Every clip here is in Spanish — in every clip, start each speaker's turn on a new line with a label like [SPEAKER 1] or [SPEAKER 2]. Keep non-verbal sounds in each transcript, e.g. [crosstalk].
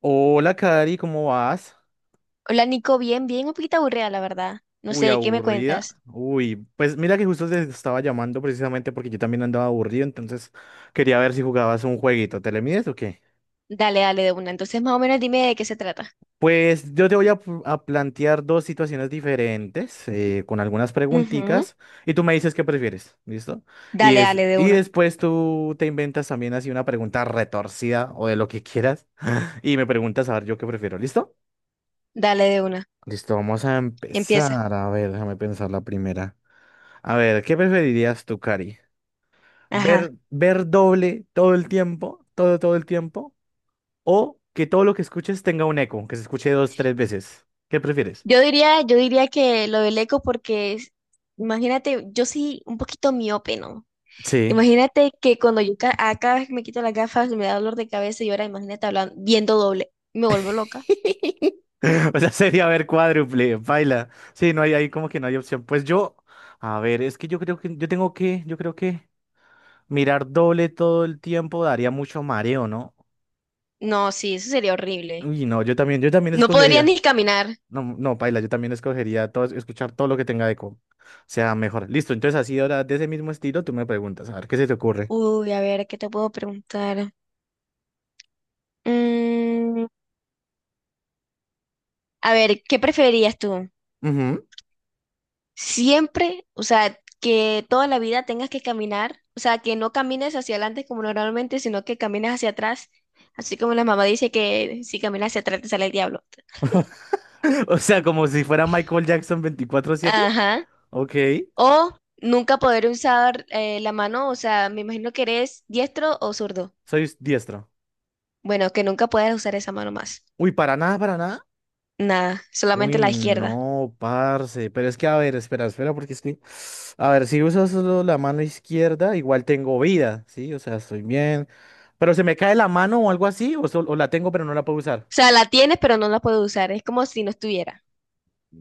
[SPEAKER 1] Hola, Cari, ¿cómo vas?
[SPEAKER 2] Hola Nico, bien, bien, un poquito aburrida la verdad. No
[SPEAKER 1] Uy,
[SPEAKER 2] sé, ¿qué me
[SPEAKER 1] aburrida.
[SPEAKER 2] cuentas?
[SPEAKER 1] Uy, pues mira que justo te estaba llamando precisamente porque yo también andaba aburrido, entonces quería ver si jugabas un jueguito. ¿Te le mides o qué?
[SPEAKER 2] Dale, dale de una. Entonces más o menos dime de qué se trata.
[SPEAKER 1] Pues yo te voy a, a plantear dos situaciones diferentes con algunas
[SPEAKER 2] Ujú.
[SPEAKER 1] preguntitas y tú me dices qué prefieres, ¿listo? Y,
[SPEAKER 2] Dale,
[SPEAKER 1] es,
[SPEAKER 2] dale de
[SPEAKER 1] y
[SPEAKER 2] una.
[SPEAKER 1] después tú te inventas también así una pregunta retorcida o de lo que quieras y me preguntas a ver yo qué prefiero, ¿listo?
[SPEAKER 2] Dale de una.
[SPEAKER 1] Listo, vamos a
[SPEAKER 2] Empieza.
[SPEAKER 1] empezar. A ver, déjame pensar la primera. A ver, ¿qué preferirías tú, Cari?
[SPEAKER 2] Ajá.
[SPEAKER 1] ¿Ver doble todo el tiempo, todo el tiempo? ¿O que todo lo que escuches tenga un eco, que se escuche dos, tres veces? ¿Qué prefieres?
[SPEAKER 2] Yo diría que lo del eco imagínate, yo soy un poquito miope, ¿no?
[SPEAKER 1] Sí.
[SPEAKER 2] Imagínate que cuando a cada vez que me quito las gafas me da dolor de cabeza y ahora imagínate hablando, viendo doble. Me vuelvo loca.
[SPEAKER 1] [laughs] O sea, sería ver cuádruple, baila. Sí, no hay ahí como que no hay opción. Pues a ver, es que yo creo que yo tengo que, yo creo que mirar doble todo el tiempo daría mucho mareo, ¿no?
[SPEAKER 2] No, sí, eso sería horrible.
[SPEAKER 1] Uy, no, yo también
[SPEAKER 2] No podría ni
[SPEAKER 1] escogería.
[SPEAKER 2] caminar.
[SPEAKER 1] No, no, paila, yo también escogería todo, escuchar todo lo que tenga eco. O sea, mejor. Listo, entonces así ahora de ese mismo estilo tú me preguntas, a ver, ¿qué se te ocurre?
[SPEAKER 2] Uy, a ver, ¿qué te puedo preguntar? Mm, A ver, ¿qué preferirías tú?
[SPEAKER 1] Ujú.
[SPEAKER 2] Siempre, o sea, que toda la vida tengas que caminar, o sea, que no camines hacia adelante como normalmente, sino que camines hacia atrás, así como la mamá dice que si caminas hacia atrás te sale el diablo.
[SPEAKER 1] [laughs] O sea, como si fuera Michael Jackson 24/7.
[SPEAKER 2] Ajá.
[SPEAKER 1] Ok,
[SPEAKER 2] O nunca poder usar la mano, o sea, me imagino que eres diestro o zurdo.
[SPEAKER 1] soy diestro.
[SPEAKER 2] Bueno, que nunca puedas usar esa mano más.
[SPEAKER 1] Uy, para nada.
[SPEAKER 2] Nada, solamente
[SPEAKER 1] Uy,
[SPEAKER 2] la izquierda.
[SPEAKER 1] no, parce. Pero es que, a ver, espera, porque es que, a ver, si uso solo la mano izquierda, igual tengo vida, ¿sí? O sea, estoy bien. Pero se me cae la mano o algo así, o la tengo pero no la puedo
[SPEAKER 2] O
[SPEAKER 1] usar.
[SPEAKER 2] sea, la tienes, pero no la puedes usar. Es como si no estuviera.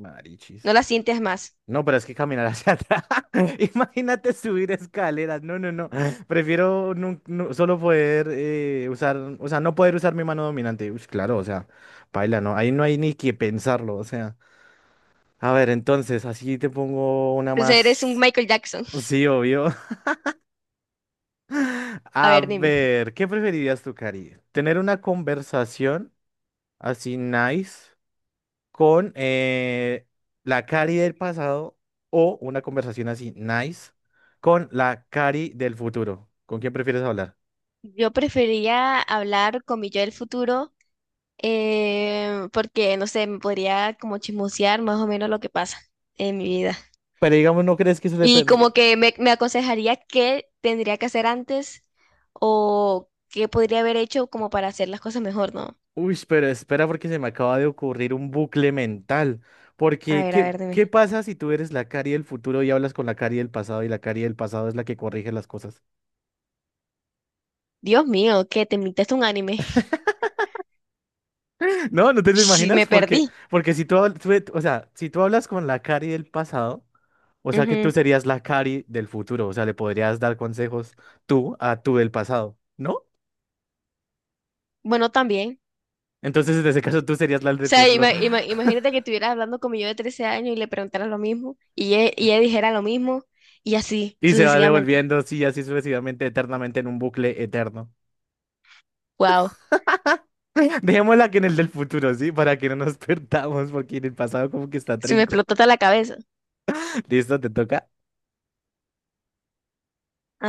[SPEAKER 1] Marichis.
[SPEAKER 2] No la sientes más.
[SPEAKER 1] No, pero es que caminar hacia atrás. [laughs] Imagínate subir escaleras. No. Prefiero solo poder usar, o sea, no poder usar mi mano dominante. Uy, claro, o sea, paila, no. Ahí no hay ni que pensarlo, o sea. A ver, entonces, así te pongo una
[SPEAKER 2] Entonces eres un
[SPEAKER 1] más.
[SPEAKER 2] Michael Jackson.
[SPEAKER 1] Sí, obvio. [laughs]
[SPEAKER 2] A
[SPEAKER 1] A
[SPEAKER 2] ver, dime.
[SPEAKER 1] ver, ¿qué preferirías tú, Cari? ¿Tener una conversación así nice? Con la Cari del pasado o una conversación así, nice, con la Cari del futuro. ¿Con quién prefieres hablar?
[SPEAKER 2] Yo preferiría hablar con mi yo del futuro porque, no sé, me podría como chismosear más o menos lo que pasa en mi vida.
[SPEAKER 1] Pero digamos, ¿no crees que eso le...
[SPEAKER 2] Y
[SPEAKER 1] pers-?
[SPEAKER 2] como que me aconsejaría qué tendría que hacer antes o qué podría haber hecho como para hacer las cosas mejor, ¿no?
[SPEAKER 1] Uy, pero espera porque se me acaba de ocurrir un bucle mental. Porque,
[SPEAKER 2] A
[SPEAKER 1] ¿qué,
[SPEAKER 2] ver,
[SPEAKER 1] qué
[SPEAKER 2] dime.
[SPEAKER 1] pasa si tú eres la Cari del futuro y hablas con la Cari del pasado y la Cari del pasado es la que corrige las cosas?
[SPEAKER 2] Dios mío, ¿qué te invitaste un anime? [laughs]
[SPEAKER 1] [laughs] No, ¿no te lo
[SPEAKER 2] Sí,
[SPEAKER 1] imaginas?
[SPEAKER 2] me
[SPEAKER 1] Porque,
[SPEAKER 2] perdí.
[SPEAKER 1] porque si tú, habl- tú- e-, o sea, si tú hablas con la Cari del pasado... O sea que tú
[SPEAKER 2] Ujú.
[SPEAKER 1] serías la Cari del futuro, o sea, le podrías dar consejos tú a tú del pasado, ¿no?
[SPEAKER 2] Bueno, también.
[SPEAKER 1] Entonces, en ese caso, tú serías la del
[SPEAKER 2] Sea,
[SPEAKER 1] futuro
[SPEAKER 2] imagínate que estuvieras hablando como yo de 13 años y le preguntaras lo mismo y ella dijera lo mismo y así
[SPEAKER 1] y se va
[SPEAKER 2] sucesivamente.
[SPEAKER 1] devolviendo así, así sucesivamente, eternamente en un bucle eterno.
[SPEAKER 2] Wow,
[SPEAKER 1] [laughs] Dejémosla que en el del futuro, ¿sí? Para que no nos [laughs] perdamos, porque en el pasado como que está
[SPEAKER 2] se me
[SPEAKER 1] trinco.
[SPEAKER 2] explotó toda la cabeza.
[SPEAKER 1] ¿Listo? ¿Te toca?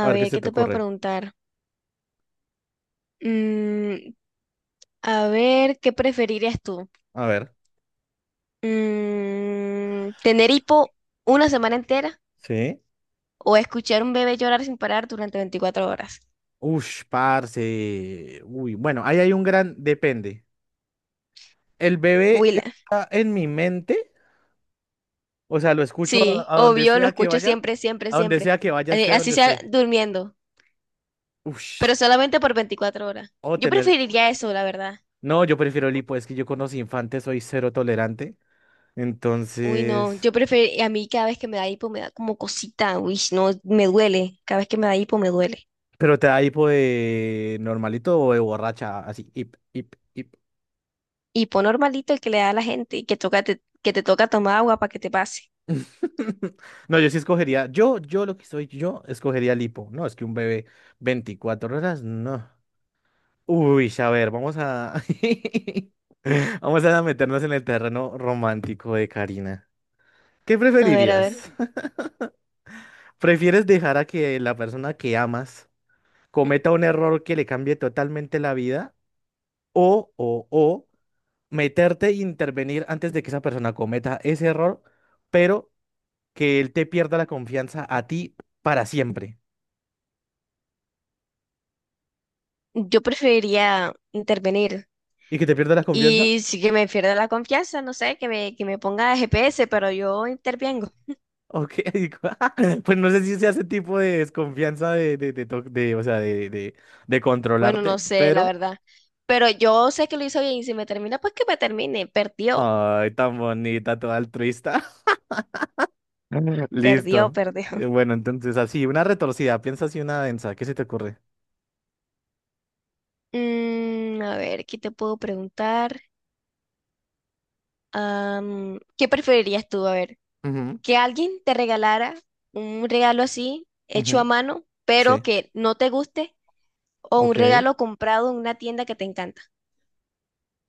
[SPEAKER 1] A ver qué
[SPEAKER 2] ver,
[SPEAKER 1] se
[SPEAKER 2] ¿qué
[SPEAKER 1] te
[SPEAKER 2] te puedo
[SPEAKER 1] ocurre.
[SPEAKER 2] preguntar? Mm, a ver, ¿qué preferirías tú?
[SPEAKER 1] A ver.
[SPEAKER 2] ¿Tener hipo una semana entera
[SPEAKER 1] ¿Sí?
[SPEAKER 2] o escuchar un bebé llorar sin parar durante 24 horas?
[SPEAKER 1] Ush, parce. Uy, bueno, ahí hay un gran depende. El bebé
[SPEAKER 2] Willa.
[SPEAKER 1] está en mi mente. O sea, lo escucho a,
[SPEAKER 2] Sí,
[SPEAKER 1] a donde
[SPEAKER 2] obvio, lo
[SPEAKER 1] sea que
[SPEAKER 2] escucho
[SPEAKER 1] vaya,
[SPEAKER 2] siempre, siempre,
[SPEAKER 1] a donde
[SPEAKER 2] siempre.
[SPEAKER 1] sea que vaya,
[SPEAKER 2] Así
[SPEAKER 1] esté
[SPEAKER 2] así
[SPEAKER 1] donde
[SPEAKER 2] sea
[SPEAKER 1] esté.
[SPEAKER 2] durmiendo.
[SPEAKER 1] Ush,
[SPEAKER 2] Pero solamente por 24 horas.
[SPEAKER 1] o
[SPEAKER 2] Yo
[SPEAKER 1] tener.
[SPEAKER 2] preferiría eso, la verdad.
[SPEAKER 1] No, yo prefiero el hipo, es que yo con los infantes soy cero tolerante.
[SPEAKER 2] Uy, no,
[SPEAKER 1] Entonces.
[SPEAKER 2] yo prefiero, a mí cada vez que me da hipo me da como cosita, uy, no, me duele, cada vez que me da hipo me duele.
[SPEAKER 1] Pero te da hipo de normalito o de borracha, así, hip, hip, hip.
[SPEAKER 2] Hipo normalito el que le da a la gente y que que te toca tomar agua para que te pase.
[SPEAKER 1] [laughs] No, yo sí escogería. Yo lo que soy, yo escogería el hipo. No, es que un bebé 24 horas, no. Uy, a ver, vamos a. [laughs] Vamos a meternos en el terreno romántico de Karina. ¿Qué
[SPEAKER 2] A ver,
[SPEAKER 1] preferirías? [laughs] ¿Prefieres dejar a que la persona que amas cometa un error que le cambie totalmente la vida? O meterte e intervenir antes de que esa persona cometa ese error, pero que él te pierda la confianza a ti para siempre.
[SPEAKER 2] yo preferiría intervenir
[SPEAKER 1] ¿Y que te pierda la confianza?
[SPEAKER 2] y si que me pierda la confianza, no sé, que me ponga GPS, pero yo intervengo.
[SPEAKER 1] Ok, [laughs] pues no sé si sea ese tipo de desconfianza de, to- de, o sea, de
[SPEAKER 2] Bueno, no
[SPEAKER 1] controlarte,
[SPEAKER 2] sé, la
[SPEAKER 1] pero...
[SPEAKER 2] verdad, pero yo sé que lo hizo bien y si me termina, pues que me termine, perdió,
[SPEAKER 1] Ay, tan bonita, toda altruista. [laughs]
[SPEAKER 2] perdió,
[SPEAKER 1] Listo.
[SPEAKER 2] perdió.
[SPEAKER 1] Bueno, entonces así, una retorcida, piensa así una densa, ¿qué se te ocurre?
[SPEAKER 2] A ver, ¿qué te puedo preguntar? ¿Qué preferirías tú? A ver,
[SPEAKER 1] Ujú.
[SPEAKER 2] que alguien te regalara un regalo así, hecho a
[SPEAKER 1] Ujú,
[SPEAKER 2] mano, pero
[SPEAKER 1] sí,
[SPEAKER 2] que no te guste, o un
[SPEAKER 1] ok.
[SPEAKER 2] regalo comprado en una tienda que te encanta.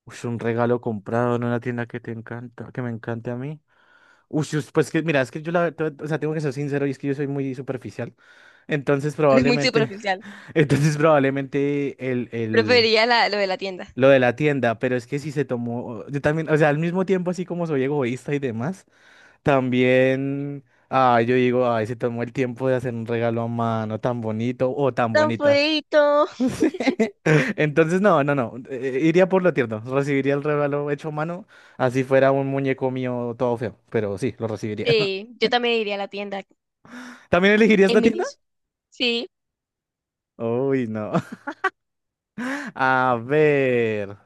[SPEAKER 1] Ush, un regalo comprado en una tienda que te encanta, que me encante a mí. Ush, ush, pues que mira, es que o sea, tengo que ser sincero y es que yo soy muy superficial. Entonces
[SPEAKER 2] [laughs] Es muy
[SPEAKER 1] probablemente,
[SPEAKER 2] superficial.
[SPEAKER 1] [laughs] entonces probablemente
[SPEAKER 2] Preferiría lo de la tienda.
[SPEAKER 1] lo de la tienda, pero es que si se tomó, yo también, o sea, al mismo tiempo así como soy egoísta y demás. También, ah, yo digo, ay, se tomó el tiempo de hacer un regalo a mano tan bonito o tan
[SPEAKER 2] Tan
[SPEAKER 1] bonita. [laughs]
[SPEAKER 2] feíto.
[SPEAKER 1] Sí. Entonces, no, no, no, iría por lo tierno, recibiría el regalo hecho a mano, así fuera un muñeco mío todo feo, pero sí, lo recibiría.
[SPEAKER 2] Sí,
[SPEAKER 1] [laughs]
[SPEAKER 2] yo también iría a la tienda
[SPEAKER 1] ¿También elegiría esta
[SPEAKER 2] en
[SPEAKER 1] tienda?
[SPEAKER 2] minis. Sí,
[SPEAKER 1] Uy, no. [laughs] A ver,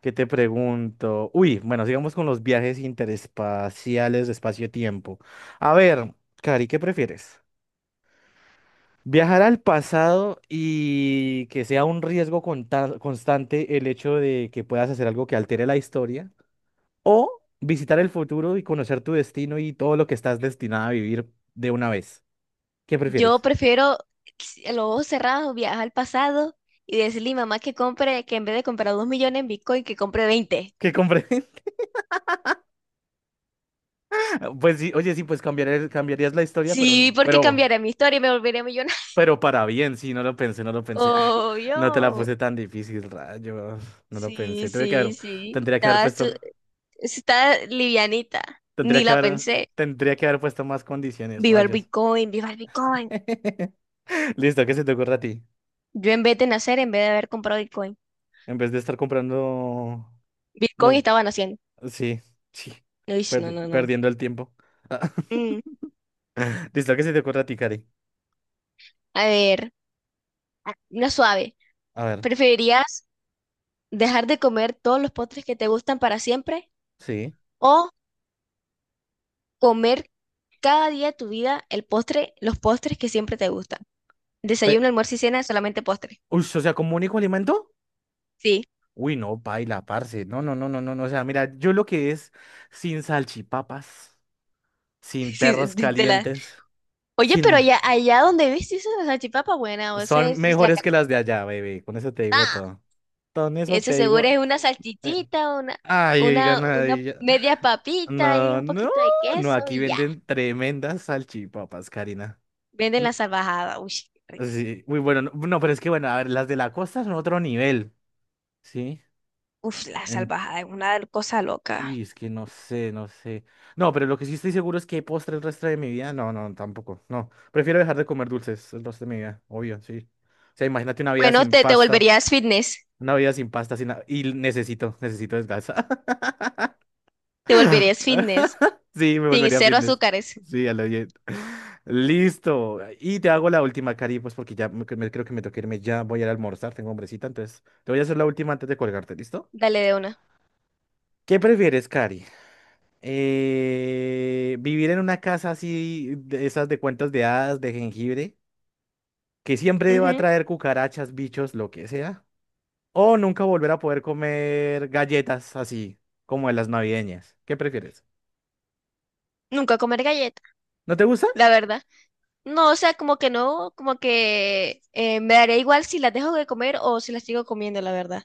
[SPEAKER 1] ¿qué te pregunto? Uy, bueno, sigamos con los viajes interespaciales de espacio-tiempo. A ver, Cari, ¿qué prefieres? Viajar al pasado y que sea un riesgo constante el hecho de que puedas hacer algo que altere la historia, o visitar el futuro y conocer tu destino y todo lo que estás destinado a vivir de una vez. ¿Qué
[SPEAKER 2] yo
[SPEAKER 1] prefieres?
[SPEAKER 2] prefiero los ojos cerrados, viajar al pasado y decirle a mi mamá que compre, que en vez de comprar 2 millones en Bitcoin, que compre 20.
[SPEAKER 1] ¿Qué compre? [laughs] Pues sí, oye, sí, pues cambiar cambiarías la historia,
[SPEAKER 2] Sí, porque
[SPEAKER 1] pero,
[SPEAKER 2] cambiaré mi historia y me volveré millonario. [laughs]
[SPEAKER 1] pero para bien, sí, no lo pensé. Ah,
[SPEAKER 2] Oh,
[SPEAKER 1] no te la
[SPEAKER 2] yo.
[SPEAKER 1] puse tan difícil, rayos. No lo
[SPEAKER 2] Sí,
[SPEAKER 1] pensé. Tuve que
[SPEAKER 2] sí,
[SPEAKER 1] haber,
[SPEAKER 2] sí.
[SPEAKER 1] tendría que haber
[SPEAKER 2] Estaba,
[SPEAKER 1] puesto,
[SPEAKER 2] está livianita.
[SPEAKER 1] tendría
[SPEAKER 2] Ni
[SPEAKER 1] que
[SPEAKER 2] la
[SPEAKER 1] haber,
[SPEAKER 2] pensé.
[SPEAKER 1] tendría que haber puesto más condiciones,
[SPEAKER 2] Viva el
[SPEAKER 1] rayos.
[SPEAKER 2] Bitcoin, viva el Bitcoin.
[SPEAKER 1] [laughs] Listo, ¿qué se te ocurre a ti?
[SPEAKER 2] Yo en vez de nacer, en vez de haber comprado Bitcoin.
[SPEAKER 1] En vez de estar comprando...
[SPEAKER 2] Bitcoin
[SPEAKER 1] No,
[SPEAKER 2] estaba naciendo.
[SPEAKER 1] sí, sí,
[SPEAKER 2] Uy, no, no, no.
[SPEAKER 1] perdiendo el tiempo. Ah,
[SPEAKER 2] Mm,
[SPEAKER 1] [laughs] Listo, ¿qué se te ocurre a ti, Cari?
[SPEAKER 2] a ver, ah, una suave.
[SPEAKER 1] A ver,
[SPEAKER 2] ¿Preferirías dejar de comer todos los postres que te gustan para siempre
[SPEAKER 1] sí.
[SPEAKER 2] o comer cada día de tu vida el postre, los postres que siempre te gustan?
[SPEAKER 1] Pe-.
[SPEAKER 2] Desayuno, almuerzo y cena, solamente postre.
[SPEAKER 1] Uy, o sea, ¿como único alimento?
[SPEAKER 2] Sí,
[SPEAKER 1] Uy, no, paila, parce. No. O sea, mira, yo lo que es sin salchipapas,
[SPEAKER 2] [laughs]
[SPEAKER 1] sin
[SPEAKER 2] sí, de
[SPEAKER 1] perros
[SPEAKER 2] de la...
[SPEAKER 1] calientes,
[SPEAKER 2] Oye,
[SPEAKER 1] sin...
[SPEAKER 2] pero allá, allá donde viste esa salchipapa buena, o sea,
[SPEAKER 1] Son
[SPEAKER 2] es la
[SPEAKER 1] mejores que las de allá, baby. Con eso te digo
[SPEAKER 2] cachetada.
[SPEAKER 1] todo. Con eso
[SPEAKER 2] Eso
[SPEAKER 1] te
[SPEAKER 2] seguro
[SPEAKER 1] digo...
[SPEAKER 2] es una
[SPEAKER 1] eh,
[SPEAKER 2] salchichita, una,
[SPEAKER 1] Ay, oigan,
[SPEAKER 2] una, una media papita y
[SPEAKER 1] No,
[SPEAKER 2] un
[SPEAKER 1] no,
[SPEAKER 2] poquito de
[SPEAKER 1] no,
[SPEAKER 2] queso
[SPEAKER 1] aquí
[SPEAKER 2] y ya.
[SPEAKER 1] venden tremendas salchipapas, Karina.
[SPEAKER 2] Venden
[SPEAKER 1] Mm,
[SPEAKER 2] la salvajada. Uy, qué rico.
[SPEAKER 1] sí, muy bueno, no, no, pero es que bueno, a ver, las de la costa son otro nivel, ¿sí?
[SPEAKER 2] Uf, la
[SPEAKER 1] En-
[SPEAKER 2] salvajada es una cosa
[SPEAKER 1] uy,
[SPEAKER 2] loca.
[SPEAKER 1] es que no sé. No, pero lo que sí estoy seguro es que postre el resto de mi vida, tampoco, no. Prefiero dejar de comer dulces el resto de mi vida, obvio, sí. O sea, imagínate una vida
[SPEAKER 2] Bueno,
[SPEAKER 1] sin
[SPEAKER 2] te
[SPEAKER 1] pasta,
[SPEAKER 2] volverías fitness.
[SPEAKER 1] una vida sin pasta, sin nada, y necesito, necesito descansar.
[SPEAKER 2] Te volverías fitness.
[SPEAKER 1] [laughs] Sí, me
[SPEAKER 2] Sin
[SPEAKER 1] volvería
[SPEAKER 2] cero
[SPEAKER 1] fitness.
[SPEAKER 2] azúcares.
[SPEAKER 1] Sí, a lo bien. Listo. Y te hago la última, Cari, pues porque creo que me toca irme ya. Voy a ir a almorzar, tengo hombrecita, entonces te voy a hacer la última antes de colgarte, ¿listo?
[SPEAKER 2] Dale de una.
[SPEAKER 1] ¿Qué prefieres, Cari? ¿Vivir en una casa así, de esas de cuentos de hadas, de jengibre, que siempre va a
[SPEAKER 2] Ujú.
[SPEAKER 1] traer cucarachas, bichos, lo que sea? ¿O nunca volver a poder comer galletas así, como de las navideñas? ¿Qué prefieres?
[SPEAKER 2] Nunca comer galleta,
[SPEAKER 1] ¿No te gusta?
[SPEAKER 2] la verdad. No, o sea, como que no, como que me daría igual si las dejo de comer o si las sigo comiendo, la verdad.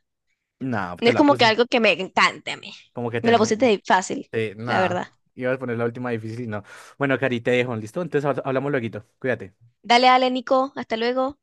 [SPEAKER 1] No,
[SPEAKER 2] No
[SPEAKER 1] te
[SPEAKER 2] es
[SPEAKER 1] la
[SPEAKER 2] como que
[SPEAKER 1] puse.
[SPEAKER 2] algo que me encante a mí.
[SPEAKER 1] Como que te...
[SPEAKER 2] Me lo pusiste fácil,
[SPEAKER 1] Sí,
[SPEAKER 2] la
[SPEAKER 1] nada.
[SPEAKER 2] verdad.
[SPEAKER 1] Iba a poner la última difícil y no. Bueno, Cari, te dejo, ¿listo? Entonces hablamos lueguito. Cuídate.
[SPEAKER 2] Dale, dale, Nico, hasta luego.